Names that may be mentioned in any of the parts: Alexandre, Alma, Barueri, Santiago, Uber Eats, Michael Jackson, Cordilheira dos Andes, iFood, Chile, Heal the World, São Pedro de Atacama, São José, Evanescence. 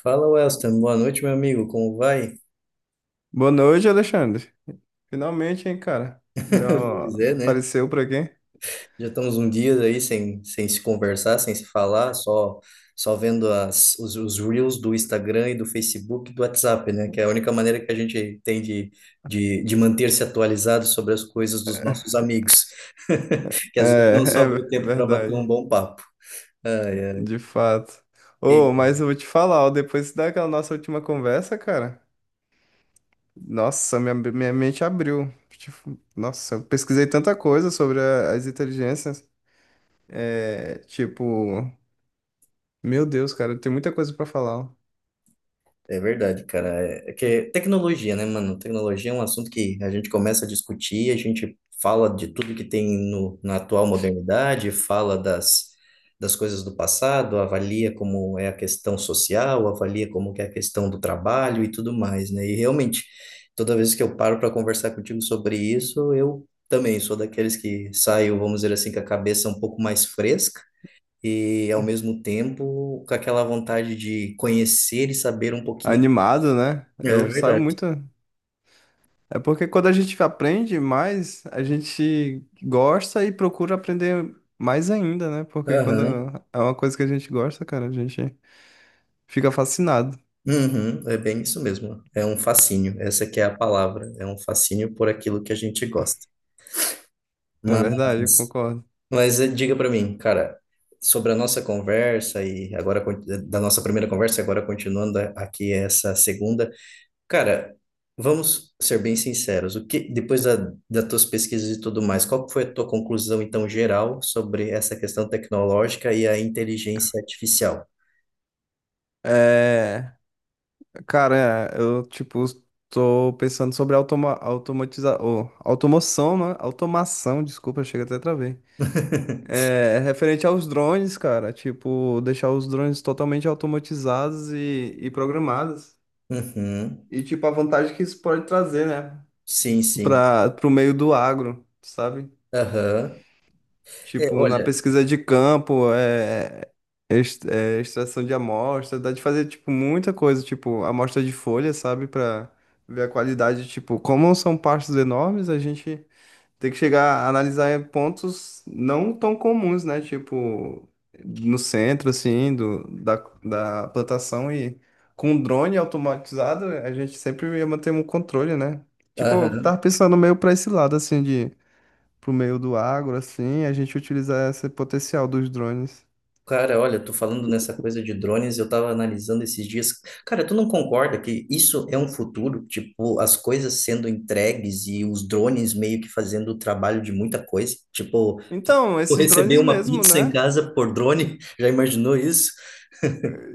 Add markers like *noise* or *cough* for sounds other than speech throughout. Fala, Welston. Boa noite, meu amigo. Como vai? Boa noite, Alexandre. Finalmente, hein, cara? Deu *laughs* uma- Pois é, né? apareceu por aqui? Já estamos um dia aí sem se conversar, sem se falar, só vendo os reels do Instagram e do Facebook e do WhatsApp, né? Que é a única maneira que a gente tem de manter-se atualizado sobre as coisas dos nossos amigos, *laughs* *laughs* que às vezes não sobra o tempo para bater um verdade, bom papo. Ai, de fato. Ô, ai. mas eu vou te falar, ó, depois daquela nossa última conversa, cara, nossa, minha mente abriu. Tipo, nossa, eu pesquisei tanta coisa sobre as inteligências. É, tipo, meu Deus, cara, tem muita coisa pra falar, ó. É verdade, cara. É que tecnologia, né, mano? Tecnologia é um assunto que a gente começa a discutir, a gente fala de tudo que tem no, na atual modernidade, fala das coisas do passado, avalia como é a questão social, avalia como que é a questão do trabalho e tudo mais, né? E realmente, toda vez que eu paro para conversar contigo sobre isso, eu também sou daqueles que saio, vamos dizer assim, com a cabeça um pouco mais fresca e ao mesmo tempo com aquela vontade de conhecer e saber um pouquinho Animado, né? é Eu saio verdade. muito. É porque quando a gente aprende mais, a gente gosta e procura aprender mais ainda, né? Porque quando Aham. é uma coisa que a gente gosta, cara, a gente fica fascinado. Uhum. É bem isso mesmo. É um fascínio. Essa que é a palavra. É um fascínio por aquilo que a gente gosta. É verdade, eu Mas, concordo. mas, diga para mim, cara, sobre a nossa conversa e agora da nossa primeira conversa, e agora continuando aqui essa segunda, cara, vamos ser bem sinceros. O que depois da, das tuas pesquisas e tudo mais, qual foi a tua conclusão então geral sobre essa questão tecnológica e a inteligência artificial? É, cara, é, eu, tipo, tô pensando sobre automoção, né? Automação, desculpa, chega até travei. *laughs* É, referente aos drones, cara, tipo, deixar os drones totalmente automatizados e programados. Uhum. E, tipo, a vantagem que isso pode trazer, né? Sim, sim. Para o meio do agro, sabe? Aham. É, Tipo, na olha, pesquisa de campo, extração de amostra, dá de fazer, tipo, muita coisa, tipo, amostra de folha, sabe? Para ver a qualidade, tipo, como são pastos enormes, a gente tem que chegar a analisar pontos não tão comuns, né? Tipo, no centro, assim, da plantação e com drone automatizado, a gente sempre ia manter um controle, né? Tipo, eu aham. tava pensando meio pra esse lado, assim, de pro meio do agro, assim, e a gente utilizar esse potencial dos drones. Cara, olha, tu falando nessa coisa de drones, eu tava analisando esses dias. Cara, tu não concorda que isso é um futuro? Tipo, as coisas sendo entregues e os drones meio que fazendo o trabalho de muita coisa. Tipo, Então, tu esses receber drones uma mesmo, pizza em né? casa por drone, *laughs* já imaginou isso?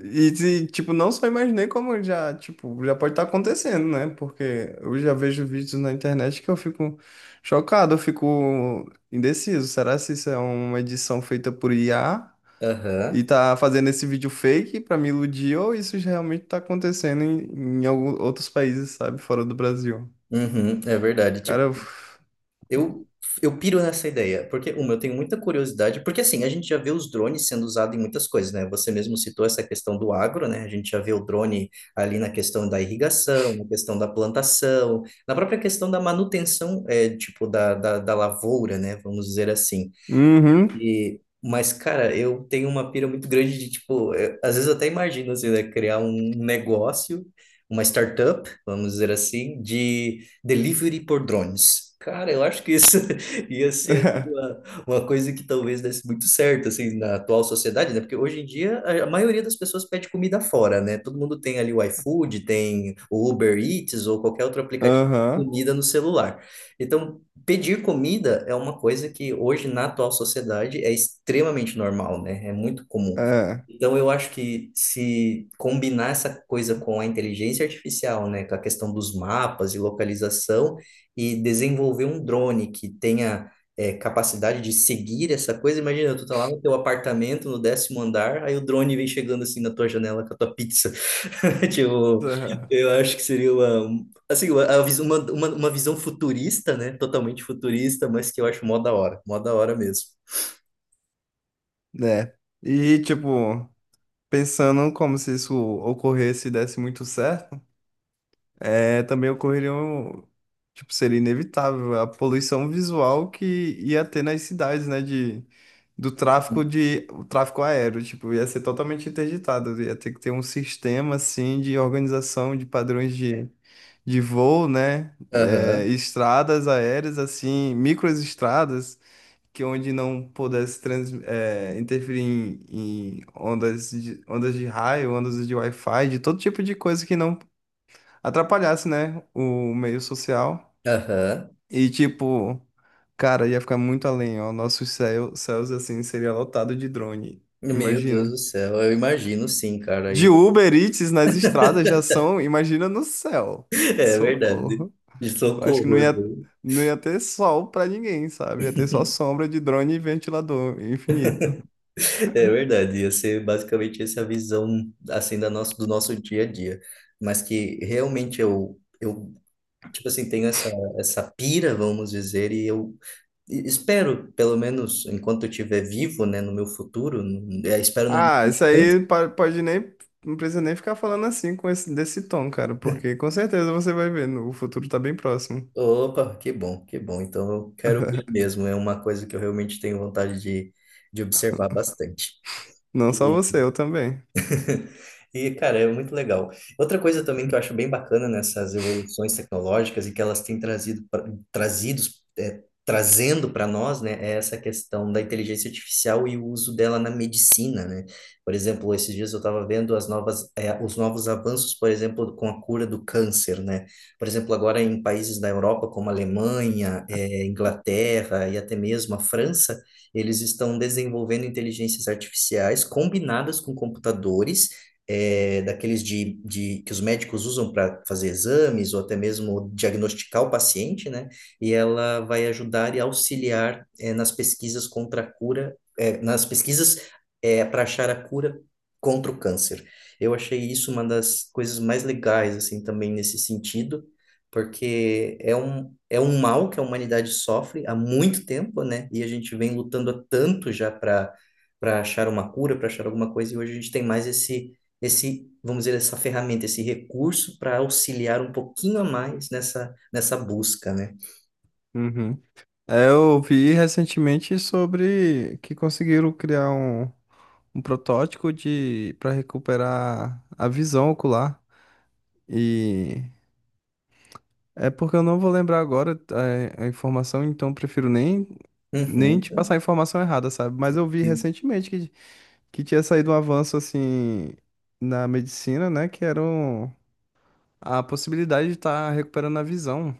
E, não só imaginei como já, tipo, já pode estar acontecendo, né? Porque eu já vejo vídeos na internet que eu fico chocado, eu fico indeciso. Será se isso é uma edição feita por IA e Aham. tá fazendo esse vídeo fake pra me iludir ou isso já realmente tá acontecendo outros países, sabe? Fora do Brasil. Uhum, é verdade. Cara, Tipo, eu... Eu, eu piro nessa ideia, porque, uma, eu tenho muita curiosidade, porque assim, a gente já vê os drones sendo usados em muitas coisas, né? Você mesmo citou essa questão do agro, né? A gente já vê o drone ali na questão da irrigação, na questão da plantação, na própria questão da manutenção, é, tipo, da lavoura, né? Vamos dizer assim. Uhum. E, mas, cara, eu tenho uma pira muito grande de, tipo, às vezes eu até imagino, assim, né, criar um negócio, uma startup, vamos dizer assim, de delivery por drones. Cara, eu acho que isso *laughs* ia ser, assim, *laughs* uma coisa que talvez desse muito certo, assim, na atual sociedade, né? Porque hoje em dia a maioria das pessoas pede comida fora, né? Todo mundo tem ali o iFood, tem o Uber Eats ou qualquer outro aplicativo de Aham, comida no celular. Então, pedir comida é uma coisa que hoje na atual sociedade é extremamente normal, né? É muito comum. é, Então eu acho que se combinar essa coisa com a inteligência artificial, né, com a questão dos mapas e localização e desenvolver um drone que tenha capacidade de seguir essa coisa, imagina, tu tá lá no teu apartamento, no décimo andar, aí o drone vem chegando assim na tua janela com a tua pizza. *laughs* Tipo, eu *laughs* acho que seria uma, assim, a vis- uma visão futurista, né? Totalmente futurista, mas que eu acho mó da hora. Mó da hora mesmo. né. E, tipo, pensando como se isso ocorresse e desse muito certo, é, também ocorreria um, tipo, seria inevitável a poluição visual que ia ter nas cidades, né, do tráfico de, o tráfico aéreo, tipo, ia ser totalmente interditado, ia ter que ter um sistema, assim, de organização de padrões de voo, né, é, Aham, estradas aéreas, assim, microestradas, que onde não pudesse interferir em, em ondas de raio, ondas de Wi-Fi, de todo tipo de coisa que não atrapalhasse, né, o meio social. aham. E tipo, cara, ia ficar muito além, ó. Céus assim seria lotado de drone. Meu Deus do Imagina. céu, eu imagino sim, cara. De Aí. *laughs* Uber Eats nas estradas já são, imagina no céu. É verdade. Socorro. De Eu acho que socorro, eu vou- não ia ter sol pra ninguém, sabe? Ia ter só sombra de drone e ventilador infinito. é verdade. Ia ser basicamente essa visão, assim, da nosso, do nosso dia a dia. Mas que realmente eu tipo assim, tenho essa, essa pira, vamos dizer, e eu espero, pelo menos enquanto eu estiver vivo, né, no meu futuro, espero não Ah, isso demorar. aí pode nem. Não precisa nem ficar falando assim com esse, desse tom, cara, porque com certeza você vai ver, no- o futuro tá bem próximo. Opa, que bom, que bom. Então eu quero ver mesmo, é uma coisa que eu realmente tenho vontade de observar bastante. Não só você, eu também. *laughs* E, cara, é muito legal. Outra coisa também que eu acho bem bacana nessas evoluções tecnológicas e que elas têm trazido, trazendo para nós, né, é essa questão da inteligência artificial e o uso dela na medicina, né? Por exemplo, esses dias eu estava vendo as novas, é, os novos avanços, por exemplo, com a cura do câncer, né? Por exemplo, agora em países da Europa, como a Alemanha, é, Inglaterra e até mesmo a França, eles estão desenvolvendo inteligências artificiais combinadas com computadores, é, daqueles de que os médicos usam para fazer exames ou até mesmo diagnosticar o paciente, né? E ela vai ajudar e auxiliar é, nas pesquisas contra a cura, é, nas pesquisas é para achar a cura contra o câncer. Eu achei isso uma das coisas mais legais, assim, também nesse sentido, porque é um mal que a humanidade sofre há muito tempo, né? E a gente vem lutando há tanto já para achar uma cura, para achar alguma coisa, e hoje a gente tem mais esse, vamos dizer, essa ferramenta, esse recurso para auxiliar um pouquinho a mais nessa busca, né? Uhum. É, eu vi recentemente sobre que conseguiram criar um protótipo de para recuperar a visão ocular. E é porque eu não vou lembrar agora a informação, então prefiro nem te passar Uhum. a informação errada, sabe? Mas eu vi recentemente que tinha saído um avanço assim na medicina, né? Que era a possibilidade de estar recuperando a visão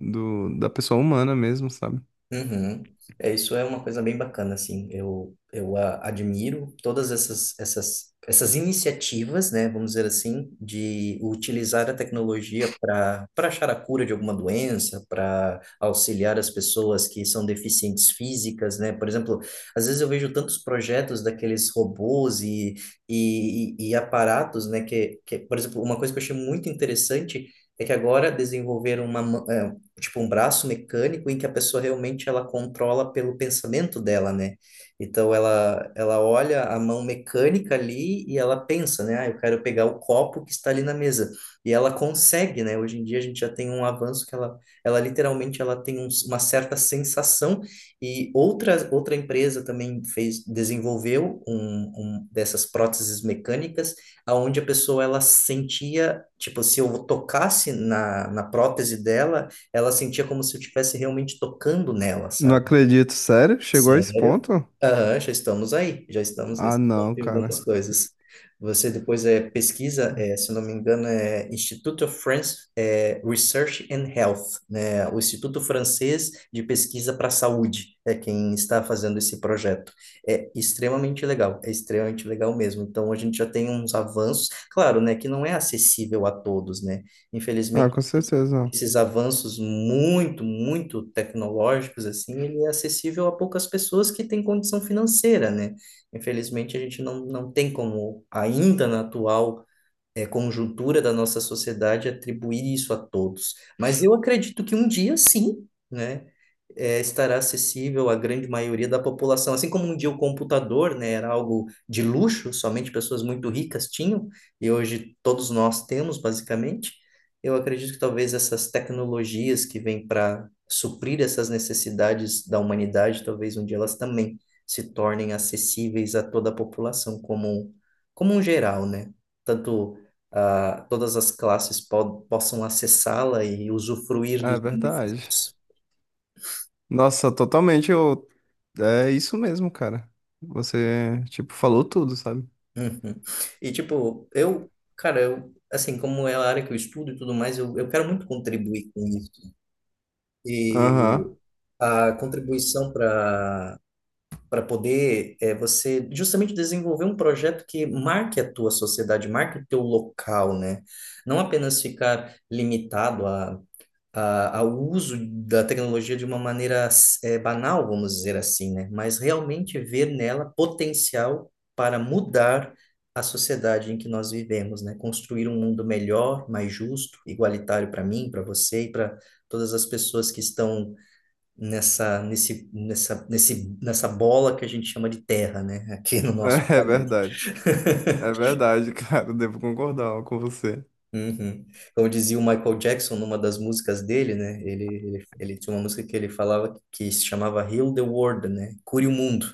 da pessoa humana mesmo, sabe? Uhum. É, isso é uma coisa bem bacana, assim, eu admiro todas essas iniciativas, né, vamos dizer assim, de utilizar a tecnologia para achar a cura de alguma doença, para auxiliar as pessoas que são deficientes físicas, né, por exemplo, às vezes eu vejo tantos projetos daqueles robôs e aparatos, né, que, por exemplo, uma coisa que eu achei muito interessante é que agora desenvolveram uma mão tipo um braço mecânico em que a pessoa realmente ela controla pelo pensamento dela, né? Então ela olha a mão mecânica ali e ela pensa, né? Ah, eu quero pegar o copo que está ali na mesa. E ela consegue, né? Hoje em dia a gente já tem um avanço que ela literalmente ela tem uma certa sensação e outra empresa também fez desenvolveu um, um dessas próteses mecânicas aonde a pessoa ela sentia, tipo, se eu tocasse na prótese dela, ela sentia como se eu estivesse realmente tocando nela, Não sabe? acredito, sério? Chegou a esse Sério? ponto? Aham, já estamos aí, já estamos Ah, nesse não, ponto em cara. algumas coisas. Você depois é, pesquisa, é, se eu não me engano, é Institute of France é, Research and Health, né? O Instituto Francês de Pesquisa para a Saúde é quem está fazendo esse projeto. É extremamente legal mesmo. Então, a gente já tem uns avanços, claro, né, que não é acessível a todos, né? Ah, Infelizmente, com certeza não. esses avanços muito tecnológicos, assim, ele é acessível a poucas pessoas que têm condição financeira, né? Infelizmente, a gente não tem como, ainda na atual é, conjuntura da nossa sociedade atribuir isso a todos. Mas eu acredito que um dia, sim, né, é, estará acessível à grande maioria da população. Assim como um dia o computador, né, era algo de luxo, somente pessoas muito ricas tinham, e hoje todos nós temos, basicamente. Eu acredito que talvez essas tecnologias que vêm para suprir essas necessidades da humanidade, talvez um dia elas também se tornem acessíveis a toda a população como um geral, né? Tanto ah, todas as classes po possam acessá-la e usufruir É dos verdade. benefícios. Nossa, totalmente eu. É isso mesmo, cara. Você, tipo, falou tudo, sabe? Uhum. E, tipo, eu, cara, eu, assim, como é a área que eu estudo e tudo mais, eu quero muito contribuir com isso. Aham. E *laughs* a contribuição para poder é, você justamente desenvolver um projeto que marque a tua sociedade, marque o teu local, né? Não apenas ficar limitado ao uso da tecnologia de uma maneira banal, vamos dizer assim, né? Mas realmente ver nela potencial para mudar a sociedade em que nós vivemos, né? Construir um mundo melhor, mais justo, igualitário para mim, para você e para todas as pessoas que estão nessa bola que a gente chama de terra, né? Aqui no nosso É é planeta. verdade. É verdade, *laughs* cara. Devo concordar com você. Uhum. Como dizia o Michael Jackson numa das músicas dele, né? Ele tinha uma música que ele falava que se chamava Heal the World, né? Cure o mundo,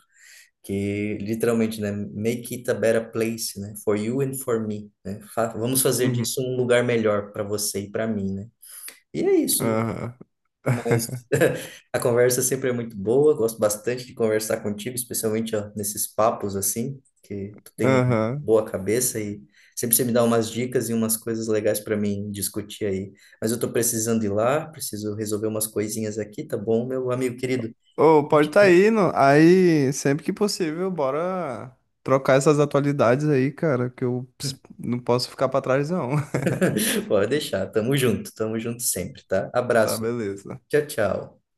que literalmente, né? Make it a better place, né? For you and for me, né? Vamos fazer Uhum. disso um lugar melhor para você e para mim, né? E é isso. Aham. Mas *laughs* *laughs* a conversa sempre é muito boa, gosto bastante de conversar contigo, especialmente ó, nesses papos assim, que tu tem Aham. boa cabeça e sempre você me dá umas dicas e umas coisas legais para mim discutir aí. Mas eu tô precisando ir lá, preciso resolver umas coisinhas aqui, tá bom, meu amigo querido? Ô, pode estar tá indo. Aí, sempre que possível, bora trocar essas atualidades aí, cara, que eu não posso ficar pra trás, não. *laughs* *laughs* Pode deixar, tamo junto sempre, tá? Tá, Abraço, beleza. tchau, tchau.